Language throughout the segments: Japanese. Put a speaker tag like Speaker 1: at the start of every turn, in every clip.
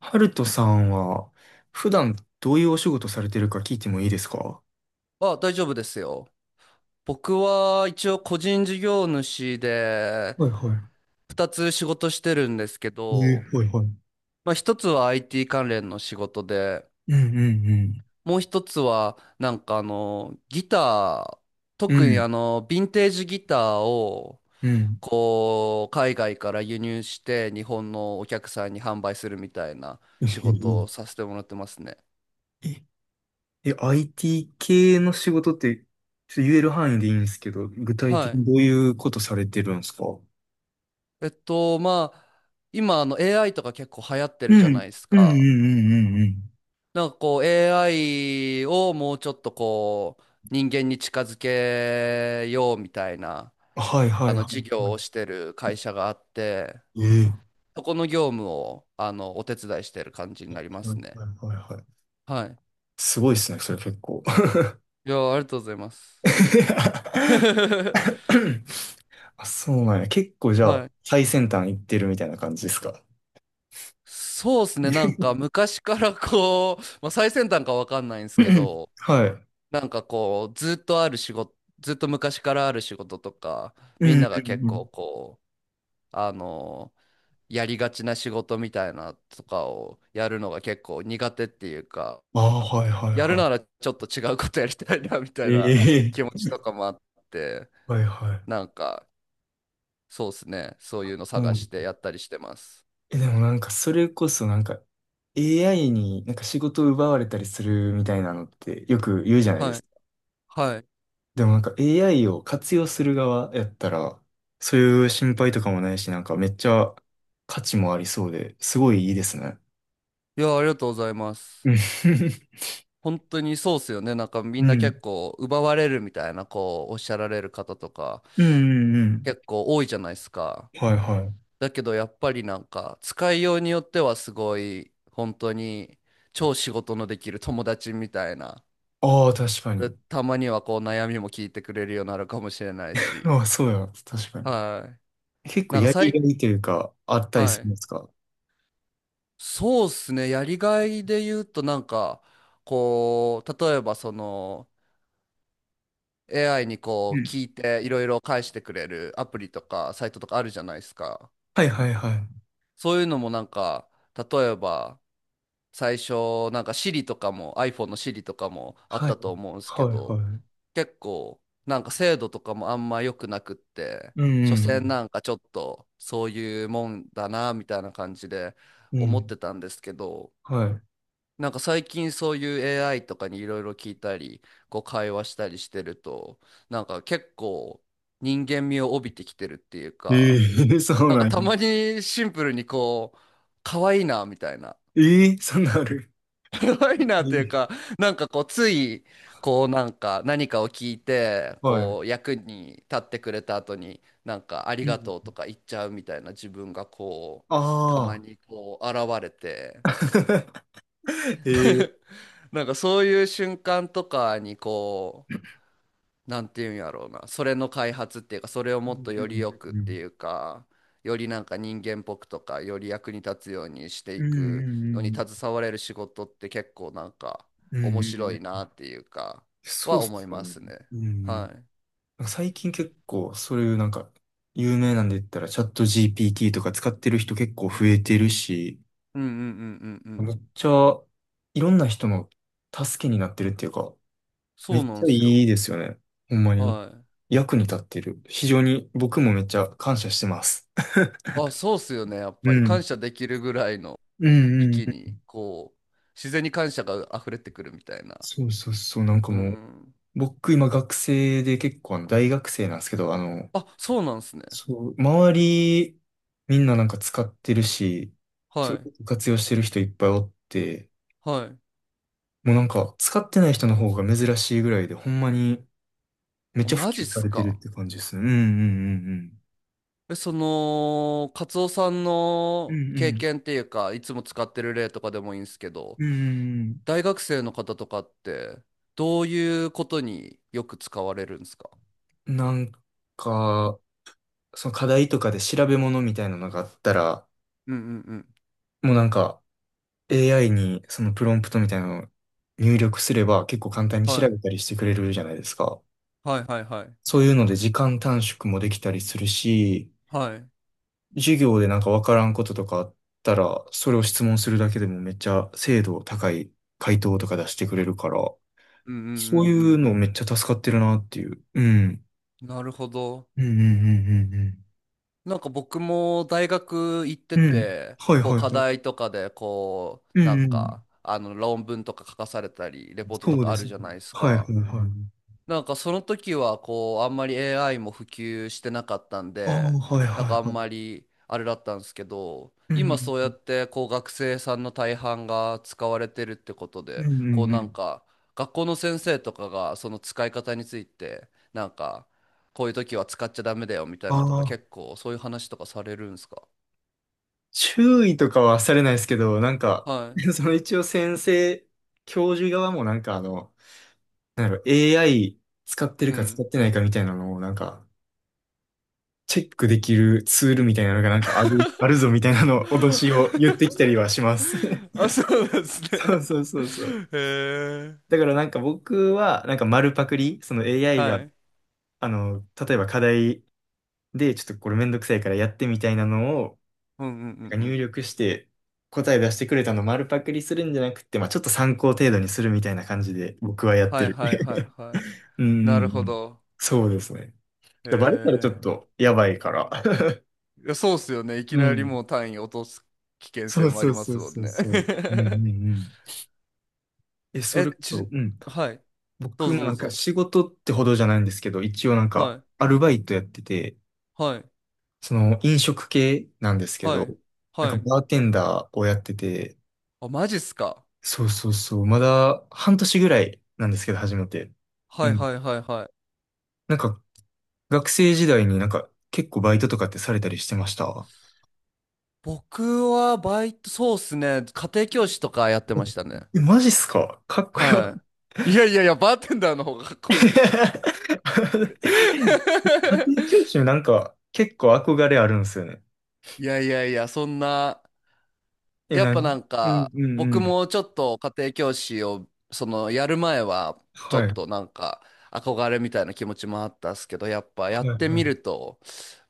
Speaker 1: ハルトさんは、普段どういうお仕事されてるか聞いてもいいですか？
Speaker 2: あ、大丈夫ですよ。僕は一応個人事業主で
Speaker 1: はいは
Speaker 2: 二つ仕事してるんですけ
Speaker 1: い。
Speaker 2: ど、
Speaker 1: はいはい。うん
Speaker 2: まあ1つは IT 関連の仕事で、
Speaker 1: うん
Speaker 2: もう一つはギター、
Speaker 1: うん。
Speaker 2: 特
Speaker 1: う
Speaker 2: に
Speaker 1: ん
Speaker 2: ヴィンテージギターを
Speaker 1: うん。
Speaker 2: こう海外から輸入して日本のお客さんに販売するみたいな
Speaker 1: え
Speaker 2: 仕事
Speaker 1: ー
Speaker 2: をさせてもらってますね。
Speaker 1: え、え IT 系の仕事って、ちょっと言える範囲でいいんですけど、具体
Speaker 2: は
Speaker 1: 的に
Speaker 2: い。
Speaker 1: どういうことされてるんですか？
Speaker 2: まあ今AI とか結構流行って
Speaker 1: う
Speaker 2: るじゃな
Speaker 1: ん、
Speaker 2: いです
Speaker 1: うんうんう
Speaker 2: か。
Speaker 1: んうんうん。
Speaker 2: なんかこう AI をもうちょっとこう人間に近づけようみたいな
Speaker 1: はいはいは
Speaker 2: 事
Speaker 1: いは
Speaker 2: 業を
Speaker 1: い。
Speaker 2: してる会社があって、
Speaker 1: えー
Speaker 2: そこの業務をお手伝いしてる感じになりま
Speaker 1: はい
Speaker 2: すね。
Speaker 1: はいはいはい。
Speaker 2: はい。
Speaker 1: すごいですね、それ結構。
Speaker 2: いや、ありがとうございます。
Speaker 1: あ、そうなんや。結構じゃ
Speaker 2: は
Speaker 1: あ、
Speaker 2: い。
Speaker 1: 最先端行ってるみたいな感じですか？
Speaker 2: そうですね。なんか昔からこう、まあ、最先端かわかんないんですけど、
Speaker 1: はい。
Speaker 2: なんかこう、ずっとある仕事、ずっと昔からある仕事とか、
Speaker 1: うん
Speaker 2: みん
Speaker 1: う
Speaker 2: なが結
Speaker 1: んうん。
Speaker 2: 構こう、あのやりがちな仕事みたいなとかをやるのが結構苦手っていうか、
Speaker 1: ああ、はいはい
Speaker 2: やる
Speaker 1: は
Speaker 2: ならちょっと違うことやりたいなみた
Speaker 1: い。
Speaker 2: いな気持
Speaker 1: ええ
Speaker 2: ちとかもあって、
Speaker 1: はいはい。
Speaker 2: なんかそうですね、そういうの
Speaker 1: う
Speaker 2: 探し
Speaker 1: ん。
Speaker 2: てやったりしてます。
Speaker 1: え、でもなんか、それこそなんか、AI になんか仕事を奪われたりするみたいなのってよく言うじゃないで
Speaker 2: は
Speaker 1: す
Speaker 2: い。
Speaker 1: か。
Speaker 2: はい。
Speaker 1: でもなんか AI を活用する側やったら、そういう心配とかもないし、なんかめっちゃ価値もありそうで、すごいいいですね。
Speaker 2: いや、ありがとうございます。
Speaker 1: うん。
Speaker 2: 本当にそうっすよね。なんか み
Speaker 1: う
Speaker 2: んな
Speaker 1: ん。
Speaker 2: 結構奪われるみたいな、こうおっしゃられる方とか
Speaker 1: うんうんうん。
Speaker 2: 結構多いじゃないですか。
Speaker 1: はいはい。
Speaker 2: だけどやっぱりなんか使いようによってはすごい本当に超仕事のできる友達みたいな。
Speaker 1: ああ、確か
Speaker 2: で
Speaker 1: に。
Speaker 2: たまにはこう悩みも聞いてくれるようになるかもしれない
Speaker 1: あ
Speaker 2: し。
Speaker 1: あ、そうや。確かに。
Speaker 2: はい。
Speaker 1: 結構
Speaker 2: なんか
Speaker 1: やりが
Speaker 2: 最、
Speaker 1: いというか、あったり
Speaker 2: は
Speaker 1: するん
Speaker 2: い。
Speaker 1: ですか？
Speaker 2: そうっすね。やりがいで言うとなんかこう、例えばその AI に
Speaker 1: う
Speaker 2: こう
Speaker 1: ん
Speaker 2: 聞いていろいろ返してくれるアプリとかサイトとかあるじゃないですか。
Speaker 1: はいはいはい。
Speaker 2: そういうのもなんか例えば最初なんか Siri とかも iPhone の Siri とかもあっ
Speaker 1: は
Speaker 2: た
Speaker 1: い。
Speaker 2: と思うんです
Speaker 1: は
Speaker 2: け
Speaker 1: いは
Speaker 2: ど、
Speaker 1: い。
Speaker 2: 結構なんか精度とかもあんま良くなくって、
Speaker 1: うんう
Speaker 2: 所詮
Speaker 1: ん
Speaker 2: なんかちょっとそういうもんだなみたいな感じで
Speaker 1: うん。う
Speaker 2: 思っ
Speaker 1: ん。
Speaker 2: てたんですけど、
Speaker 1: は
Speaker 2: なんか最近そういう AI とかにいろいろ聞いたりこう会話したりしてると、なんか結構人間味を帯びてきてるっていう
Speaker 1: い。
Speaker 2: か、
Speaker 1: ええ そう
Speaker 2: なんか
Speaker 1: なん
Speaker 2: た
Speaker 1: や。
Speaker 2: まにシンプルにこう可愛いなみたいな、
Speaker 1: ええそんなんある。
Speaker 2: ごいなというか、
Speaker 1: ええ
Speaker 2: なんかこう、つい、こう、なんか、何かを聞いて、
Speaker 1: はい。
Speaker 2: こう、役に立ってくれた後に、なんか、あり
Speaker 1: う
Speaker 2: が
Speaker 1: ん
Speaker 2: とうとか言っちゃうみたいな自分が、こう、たま
Speaker 1: ああ。
Speaker 2: に、こう、現れて、
Speaker 1: ええ
Speaker 2: なんか、そういう瞬間とかに、なんていうんやろうな、それの開発っていうか、それを
Speaker 1: う
Speaker 2: もっ
Speaker 1: ん
Speaker 2: と
Speaker 1: う
Speaker 2: より
Speaker 1: ん
Speaker 2: よくっ
Speaker 1: う
Speaker 2: て
Speaker 1: ん
Speaker 2: いうか、よりなんか人間っぽくとか、より役に立つようにして
Speaker 1: う
Speaker 2: いくのに
Speaker 1: ん。
Speaker 2: 携われる仕事って結構なんか
Speaker 1: うん
Speaker 2: 面
Speaker 1: うんうんうんうんうん
Speaker 2: 白い
Speaker 1: う
Speaker 2: な
Speaker 1: ん
Speaker 2: っていうか
Speaker 1: そう
Speaker 2: は
Speaker 1: っ
Speaker 2: 思
Speaker 1: す
Speaker 2: い
Speaker 1: よ
Speaker 2: ま
Speaker 1: ね。
Speaker 2: すね。
Speaker 1: うんうん。なん
Speaker 2: はい。
Speaker 1: か最近結構、そういうなんか、有名なんで言ったら、チャット GPT とか使ってる人結構増えてるし、
Speaker 2: うんうんうんうんうん。
Speaker 1: めっちゃ、いろんな人の助けになってるっていうか、め
Speaker 2: そう
Speaker 1: っ
Speaker 2: な
Speaker 1: ち
Speaker 2: ん
Speaker 1: ゃ
Speaker 2: です
Speaker 1: いい
Speaker 2: よ。
Speaker 1: ですよね。ほんまに。
Speaker 2: はい。
Speaker 1: 役に立ってる。非常に僕もめっちゃ感謝してます。
Speaker 2: あ、そうっすよね。やっ ぱ
Speaker 1: う
Speaker 2: り感
Speaker 1: ん。
Speaker 2: 謝できるぐらいの
Speaker 1: うんうん
Speaker 2: 域
Speaker 1: う
Speaker 2: に
Speaker 1: ん。
Speaker 2: こう自然に感謝が溢れてくるみたいな。
Speaker 1: そうそうそう。なんか
Speaker 2: うんう
Speaker 1: もう、
Speaker 2: ん。
Speaker 1: 僕今学生で結構あの大学生なんですけど、あの、
Speaker 2: あ、そうなんですね。
Speaker 1: そう、周り、みんななんか使ってるし、そう
Speaker 2: は
Speaker 1: いう
Speaker 2: い。
Speaker 1: こと活用してる人いっぱいおって、
Speaker 2: はい。
Speaker 1: もうなんか使ってない人の方が珍しいぐらいで、ほんまにめっ
Speaker 2: あ、
Speaker 1: ちゃ普
Speaker 2: マジっ
Speaker 1: 及さ
Speaker 2: す
Speaker 1: れてるっ
Speaker 2: か。
Speaker 1: て感じですね。うんうん
Speaker 2: え、その、カツオさん
Speaker 1: うんうん。
Speaker 2: の
Speaker 1: うんう
Speaker 2: 経
Speaker 1: ん。
Speaker 2: 験っていうか、いつも使ってる例とかでもいいんですけど、
Speaker 1: うんうん
Speaker 2: 大学生の方とかって、どういうことによく使われるんですか？
Speaker 1: うん。なんか、その課題とかで調べ物みたいなのがあったら、
Speaker 2: うんうんうん。
Speaker 1: もうなんか AI にそのプロンプトみたいなのを入力すれば結構簡単に調
Speaker 2: は
Speaker 1: べ
Speaker 2: い。
Speaker 1: たりしてくれるじゃないですか。
Speaker 2: はいはいはい。
Speaker 1: そういうので時間短縮もできたりするし、
Speaker 2: はい。
Speaker 1: 授業でなんかわからんこととかあったら、それを質問するだけでもめっちゃ精度高い回答とか出してくれるから、
Speaker 2: うんうんうんう
Speaker 1: そういうのめっ
Speaker 2: ん
Speaker 1: ちゃ助かってるなっていう。うん。
Speaker 2: うん。なるほど。
Speaker 1: うんうんう
Speaker 2: なんか僕も大学行っ
Speaker 1: ん
Speaker 2: て
Speaker 1: うんうん。うん。
Speaker 2: て、
Speaker 1: はい
Speaker 2: こう
Speaker 1: はい
Speaker 2: 課
Speaker 1: はい。
Speaker 2: 題とかで、こう、
Speaker 1: う
Speaker 2: な
Speaker 1: ん
Speaker 2: ん
Speaker 1: うん。
Speaker 2: か、あの論文とか書かされたり、レポート
Speaker 1: そ
Speaker 2: と
Speaker 1: う
Speaker 2: か
Speaker 1: で
Speaker 2: あ
Speaker 1: す
Speaker 2: る
Speaker 1: ね。
Speaker 2: じゃないです
Speaker 1: はいはい
Speaker 2: か。
Speaker 1: はい。
Speaker 2: なんかその時はこうあんまり AI も普及してなかったん
Speaker 1: ああ、
Speaker 2: で、
Speaker 1: はい
Speaker 2: な
Speaker 1: は
Speaker 2: ん
Speaker 1: い
Speaker 2: かあん
Speaker 1: はい。
Speaker 2: まりあれだったんですけど、
Speaker 1: う
Speaker 2: 今
Speaker 1: ん。
Speaker 2: そうやってこう学生さんの大半が使われてるってこと
Speaker 1: うん
Speaker 2: で、
Speaker 1: う
Speaker 2: こう
Speaker 1: んう
Speaker 2: なん
Speaker 1: ん。
Speaker 2: か学校の先生とかがその使い方についてなんか、こういう時は使っちゃダメだよみたい
Speaker 1: あ
Speaker 2: なとか、
Speaker 1: あ、
Speaker 2: 結構そういう話とかされるんですか？
Speaker 1: 注意とかはされないですけど、なんか、
Speaker 2: はい。
Speaker 1: その一応先生、教授側もなんかあの、なんだろう、AI 使ってる
Speaker 2: う
Speaker 1: か使っ
Speaker 2: ん。
Speaker 1: てないかみたいなのを、なんか、チェックできるツールみたいなのがなんかあるぞみたいなの脅しを言ってきたりはします。
Speaker 2: あ、そうなんです ね。
Speaker 1: そうそうそうそう。
Speaker 2: へえ。
Speaker 1: だからなんか僕は、なんか丸パクリ、その AI が、
Speaker 2: はい。
Speaker 1: あの、例えば課題で、ちょっとこれめんどくさいからやってみたいなのを、
Speaker 2: うんうんうんう
Speaker 1: なんか入
Speaker 2: ん。
Speaker 1: 力して、答え出してくれたのを丸パクリするんじゃなくて、まあちょっと参考程度にするみたいな感じで僕はやって
Speaker 2: はい
Speaker 1: る。
Speaker 2: はいはい はい。
Speaker 1: うん
Speaker 2: な
Speaker 1: うんう
Speaker 2: るほ
Speaker 1: ん。
Speaker 2: ど。
Speaker 1: そうですね。
Speaker 2: へ
Speaker 1: でバレたらちょっ
Speaker 2: え。
Speaker 1: とやばいから。
Speaker 2: いや、そうっすよね。いき
Speaker 1: う
Speaker 2: なり
Speaker 1: ん。
Speaker 2: もう単位落とす危険
Speaker 1: そ
Speaker 2: 性
Speaker 1: う
Speaker 2: もあ
Speaker 1: そ
Speaker 2: り
Speaker 1: う
Speaker 2: ま
Speaker 1: そ
Speaker 2: す
Speaker 1: う
Speaker 2: もん
Speaker 1: そう
Speaker 2: ね。
Speaker 1: そう。うんうん うん。え、そ
Speaker 2: え、
Speaker 1: れこ
Speaker 2: ち、
Speaker 1: そ、うん。
Speaker 2: はい。どう
Speaker 1: 僕
Speaker 2: ぞ
Speaker 1: も
Speaker 2: ど
Speaker 1: な
Speaker 2: う
Speaker 1: んか
Speaker 2: ぞ。
Speaker 1: 仕事ってほどじゃないんですけど、一応なん
Speaker 2: は
Speaker 1: か
Speaker 2: い。
Speaker 1: アルバイトやってて、
Speaker 2: はい。
Speaker 1: その飲食系なんですけ
Speaker 2: は
Speaker 1: ど、
Speaker 2: い。
Speaker 1: なん
Speaker 2: は
Speaker 1: か
Speaker 2: い。
Speaker 1: バーテンダーをやってて、
Speaker 2: あ、マジっすか。
Speaker 1: そうそうそう、まだ半年ぐらいなんですけど、初めて。
Speaker 2: は
Speaker 1: う
Speaker 2: い
Speaker 1: ん。
Speaker 2: はいはいはい。
Speaker 1: なんか学生時代になんか結構バイトとかってされたりしてました？
Speaker 2: 僕はバイト、そうっすね。家庭教師とかやって
Speaker 1: お
Speaker 2: ましたね。
Speaker 1: え、マジっすかかっこよ。
Speaker 2: はい。いやいやいや、バーテンダーの方がかっこいいでしょ。そ
Speaker 1: 家
Speaker 2: れ
Speaker 1: 庭教 師なんか結構憧れあるんですよね。
Speaker 2: いやいやいや、そんな。
Speaker 1: え、
Speaker 2: やっ
Speaker 1: な
Speaker 2: ぱ
Speaker 1: に
Speaker 2: なん
Speaker 1: うん
Speaker 2: か、
Speaker 1: うんう
Speaker 2: 僕
Speaker 1: ん。
Speaker 2: もちょっと家庭教師を、その、やる前は、ちょ
Speaker 1: はい。
Speaker 2: っ
Speaker 1: は
Speaker 2: となんか、憧れみたいな気持ちもあったっすけど、やっぱや
Speaker 1: い
Speaker 2: っ
Speaker 1: は
Speaker 2: てみる
Speaker 1: い。
Speaker 2: と、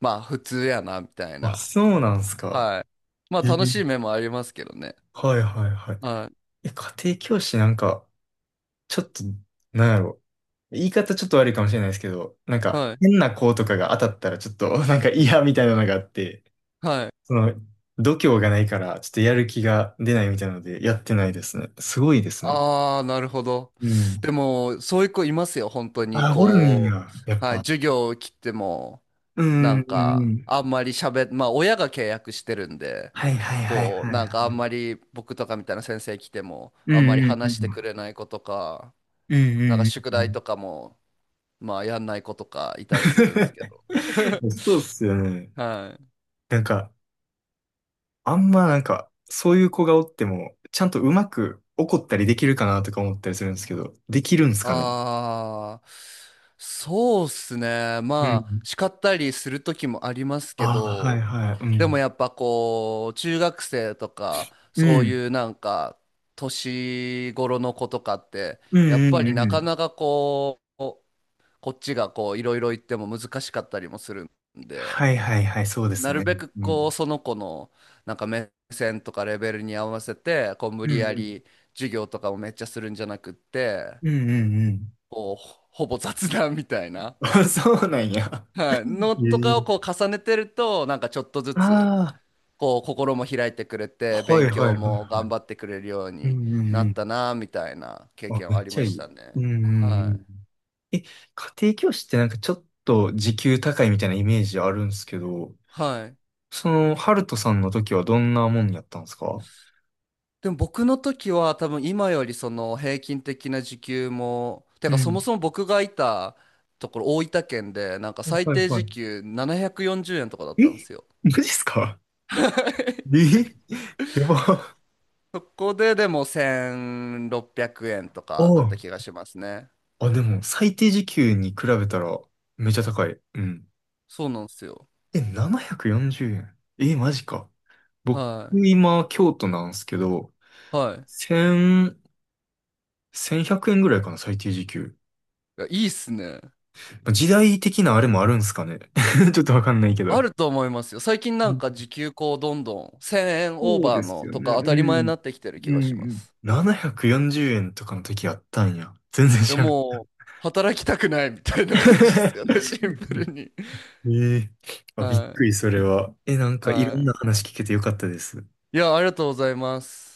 Speaker 2: まあ、普通やな、みたい
Speaker 1: あ、
Speaker 2: な。
Speaker 1: そうなんすか。
Speaker 2: はい。まあ、
Speaker 1: へえ。
Speaker 2: 楽しい面もありますけどね。
Speaker 1: はいはいはい。
Speaker 2: はい。
Speaker 1: え、家庭教師なんか、ちょっと、なんやろ。言い方ちょっと悪いかもしれないですけど、なんか
Speaker 2: はい。
Speaker 1: 変な子とかが当たったらちょっと なんか嫌みたいなのがあって、
Speaker 2: はい。
Speaker 1: その度胸がないからちょっとやる気が出ないみたいなのでやってないですね。すごいですね。
Speaker 2: ああ、なるほど。
Speaker 1: うん。
Speaker 2: でも、そういう子いますよ、本当に。
Speaker 1: あ、おるん
Speaker 2: こ
Speaker 1: や、やっ
Speaker 2: う、はい、
Speaker 1: ぱ。
Speaker 2: 授業を切っても、
Speaker 1: う
Speaker 2: な
Speaker 1: ん、
Speaker 2: ん
Speaker 1: うん、う
Speaker 2: か、
Speaker 1: ん。
Speaker 2: あんまり喋っ、まあ、親が契約してるんで、
Speaker 1: はいはいはい
Speaker 2: こう、
Speaker 1: はい
Speaker 2: なん
Speaker 1: は
Speaker 2: かあん
Speaker 1: い。
Speaker 2: まり僕とかみたいな先生来ても、
Speaker 1: う
Speaker 2: あん
Speaker 1: ん、
Speaker 2: まり
Speaker 1: うん、う
Speaker 2: 話してく
Speaker 1: ん。
Speaker 2: れない子とか、
Speaker 1: う
Speaker 2: なんか
Speaker 1: ん、
Speaker 2: 宿
Speaker 1: う
Speaker 2: 題
Speaker 1: ん、
Speaker 2: とかも、まあ、やんない子とかいたりするんですけど。
Speaker 1: うん。そうっすよね。
Speaker 2: はい。
Speaker 1: なんか、あんまなんか、そういう子がおっても、ちゃんとうまく怒ったりできるかなとか思ったりするんですけど、できるんですかね。
Speaker 2: ああ、そうっすね。
Speaker 1: う
Speaker 2: まあ、
Speaker 1: ん。
Speaker 2: 叱ったりする時もあります
Speaker 1: あ
Speaker 2: け
Speaker 1: あ、はい
Speaker 2: ど、
Speaker 1: はい。う
Speaker 2: でも
Speaker 1: ん。
Speaker 2: やっぱこう、中学生とか、
Speaker 1: う
Speaker 2: そう
Speaker 1: ん。
Speaker 2: いうなんか、年頃の子とかって、
Speaker 1: う
Speaker 2: やっ
Speaker 1: んう
Speaker 2: ぱりな
Speaker 1: んう
Speaker 2: か
Speaker 1: ん。
Speaker 2: なかこう、こっちがこう、いろいろ言っても難しかったりもするんで、
Speaker 1: はいはいはい、そうです
Speaker 2: なる
Speaker 1: ね。
Speaker 2: べく
Speaker 1: う
Speaker 2: こう、
Speaker 1: ん。
Speaker 2: その子のなんか目線とかレベルに合わせて、こう、無
Speaker 1: う
Speaker 2: 理
Speaker 1: ん
Speaker 2: や
Speaker 1: うん。
Speaker 2: り授業とかをめっちゃするんじゃなくって、
Speaker 1: うんうんうん。
Speaker 2: こう、ほぼ雑談みたいな、
Speaker 1: あそうなんや。
Speaker 2: はい、の
Speaker 1: え
Speaker 2: と
Speaker 1: え。
Speaker 2: かをこう、重ねてると、なんかちょっとずつ、
Speaker 1: ああ、
Speaker 2: こう心も開いてくれて
Speaker 1: は
Speaker 2: 勉
Speaker 1: いは
Speaker 2: 強
Speaker 1: いはいはい。
Speaker 2: も頑張ってくれるよう
Speaker 1: う
Speaker 2: に
Speaker 1: んうん
Speaker 2: な
Speaker 1: う
Speaker 2: った
Speaker 1: ん。
Speaker 2: なみたいな経
Speaker 1: あ、
Speaker 2: 験は
Speaker 1: め
Speaker 2: あ
Speaker 1: っ
Speaker 2: り
Speaker 1: ち
Speaker 2: ま
Speaker 1: ゃい
Speaker 2: した
Speaker 1: い。う
Speaker 2: ね。
Speaker 1: んうんう
Speaker 2: はい。
Speaker 1: ん。え、家庭教師ってなんかちょっと時給高いみたいなイメージあるんですけど、
Speaker 2: はい。
Speaker 1: その、ハルトさんの時はどんなもんやったんですか？
Speaker 2: でも僕の時は多分今よりその平均的な時給も、
Speaker 1: う
Speaker 2: かそ
Speaker 1: ん。
Speaker 2: もそも僕がいたところ大分県でなんか最
Speaker 1: はい
Speaker 2: 低時
Speaker 1: は
Speaker 2: 給740円とかだっ
Speaker 1: い。
Speaker 2: たんで
Speaker 1: え
Speaker 2: すよ。
Speaker 1: マジっすかえやば。あ
Speaker 2: そこででも1600円とかだった
Speaker 1: あ。
Speaker 2: 気がしますね。
Speaker 1: あ、でも、最低時給に比べたら、めちゃ高い。うん。
Speaker 2: そうなんですよ。
Speaker 1: え、740円。え、マジか。僕、
Speaker 2: はい。
Speaker 1: 今、京都なんですけど、
Speaker 2: はい。い
Speaker 1: せん1100円ぐらいかな、最低時給。
Speaker 2: や、いいっすね。
Speaker 1: まあ時代的なあれもあるんすかね。ちょっとわかんないけ
Speaker 2: あ
Speaker 1: ど。
Speaker 2: ると思いますよ。最近なんか時給こうどんどん1000円オー
Speaker 1: そう
Speaker 2: バー
Speaker 1: です
Speaker 2: の
Speaker 1: よね。
Speaker 2: とか当たり
Speaker 1: う
Speaker 2: 前にな
Speaker 1: ん。
Speaker 2: ってきてる気
Speaker 1: う
Speaker 2: がしま
Speaker 1: ん。
Speaker 2: す。
Speaker 1: 740円とかの時あったんや。全然
Speaker 2: い
Speaker 1: 知
Speaker 2: や
Speaker 1: らん。
Speaker 2: もう働きたくないみたいな感じですよね、シンプルに。
Speaker 1: ええあ、びっ
Speaker 2: は
Speaker 1: く
Speaker 2: い。
Speaker 1: り、それは。え、なんかいろんな
Speaker 2: は
Speaker 1: 話聞けてよかったです。
Speaker 2: い。いや、ありがとうございます。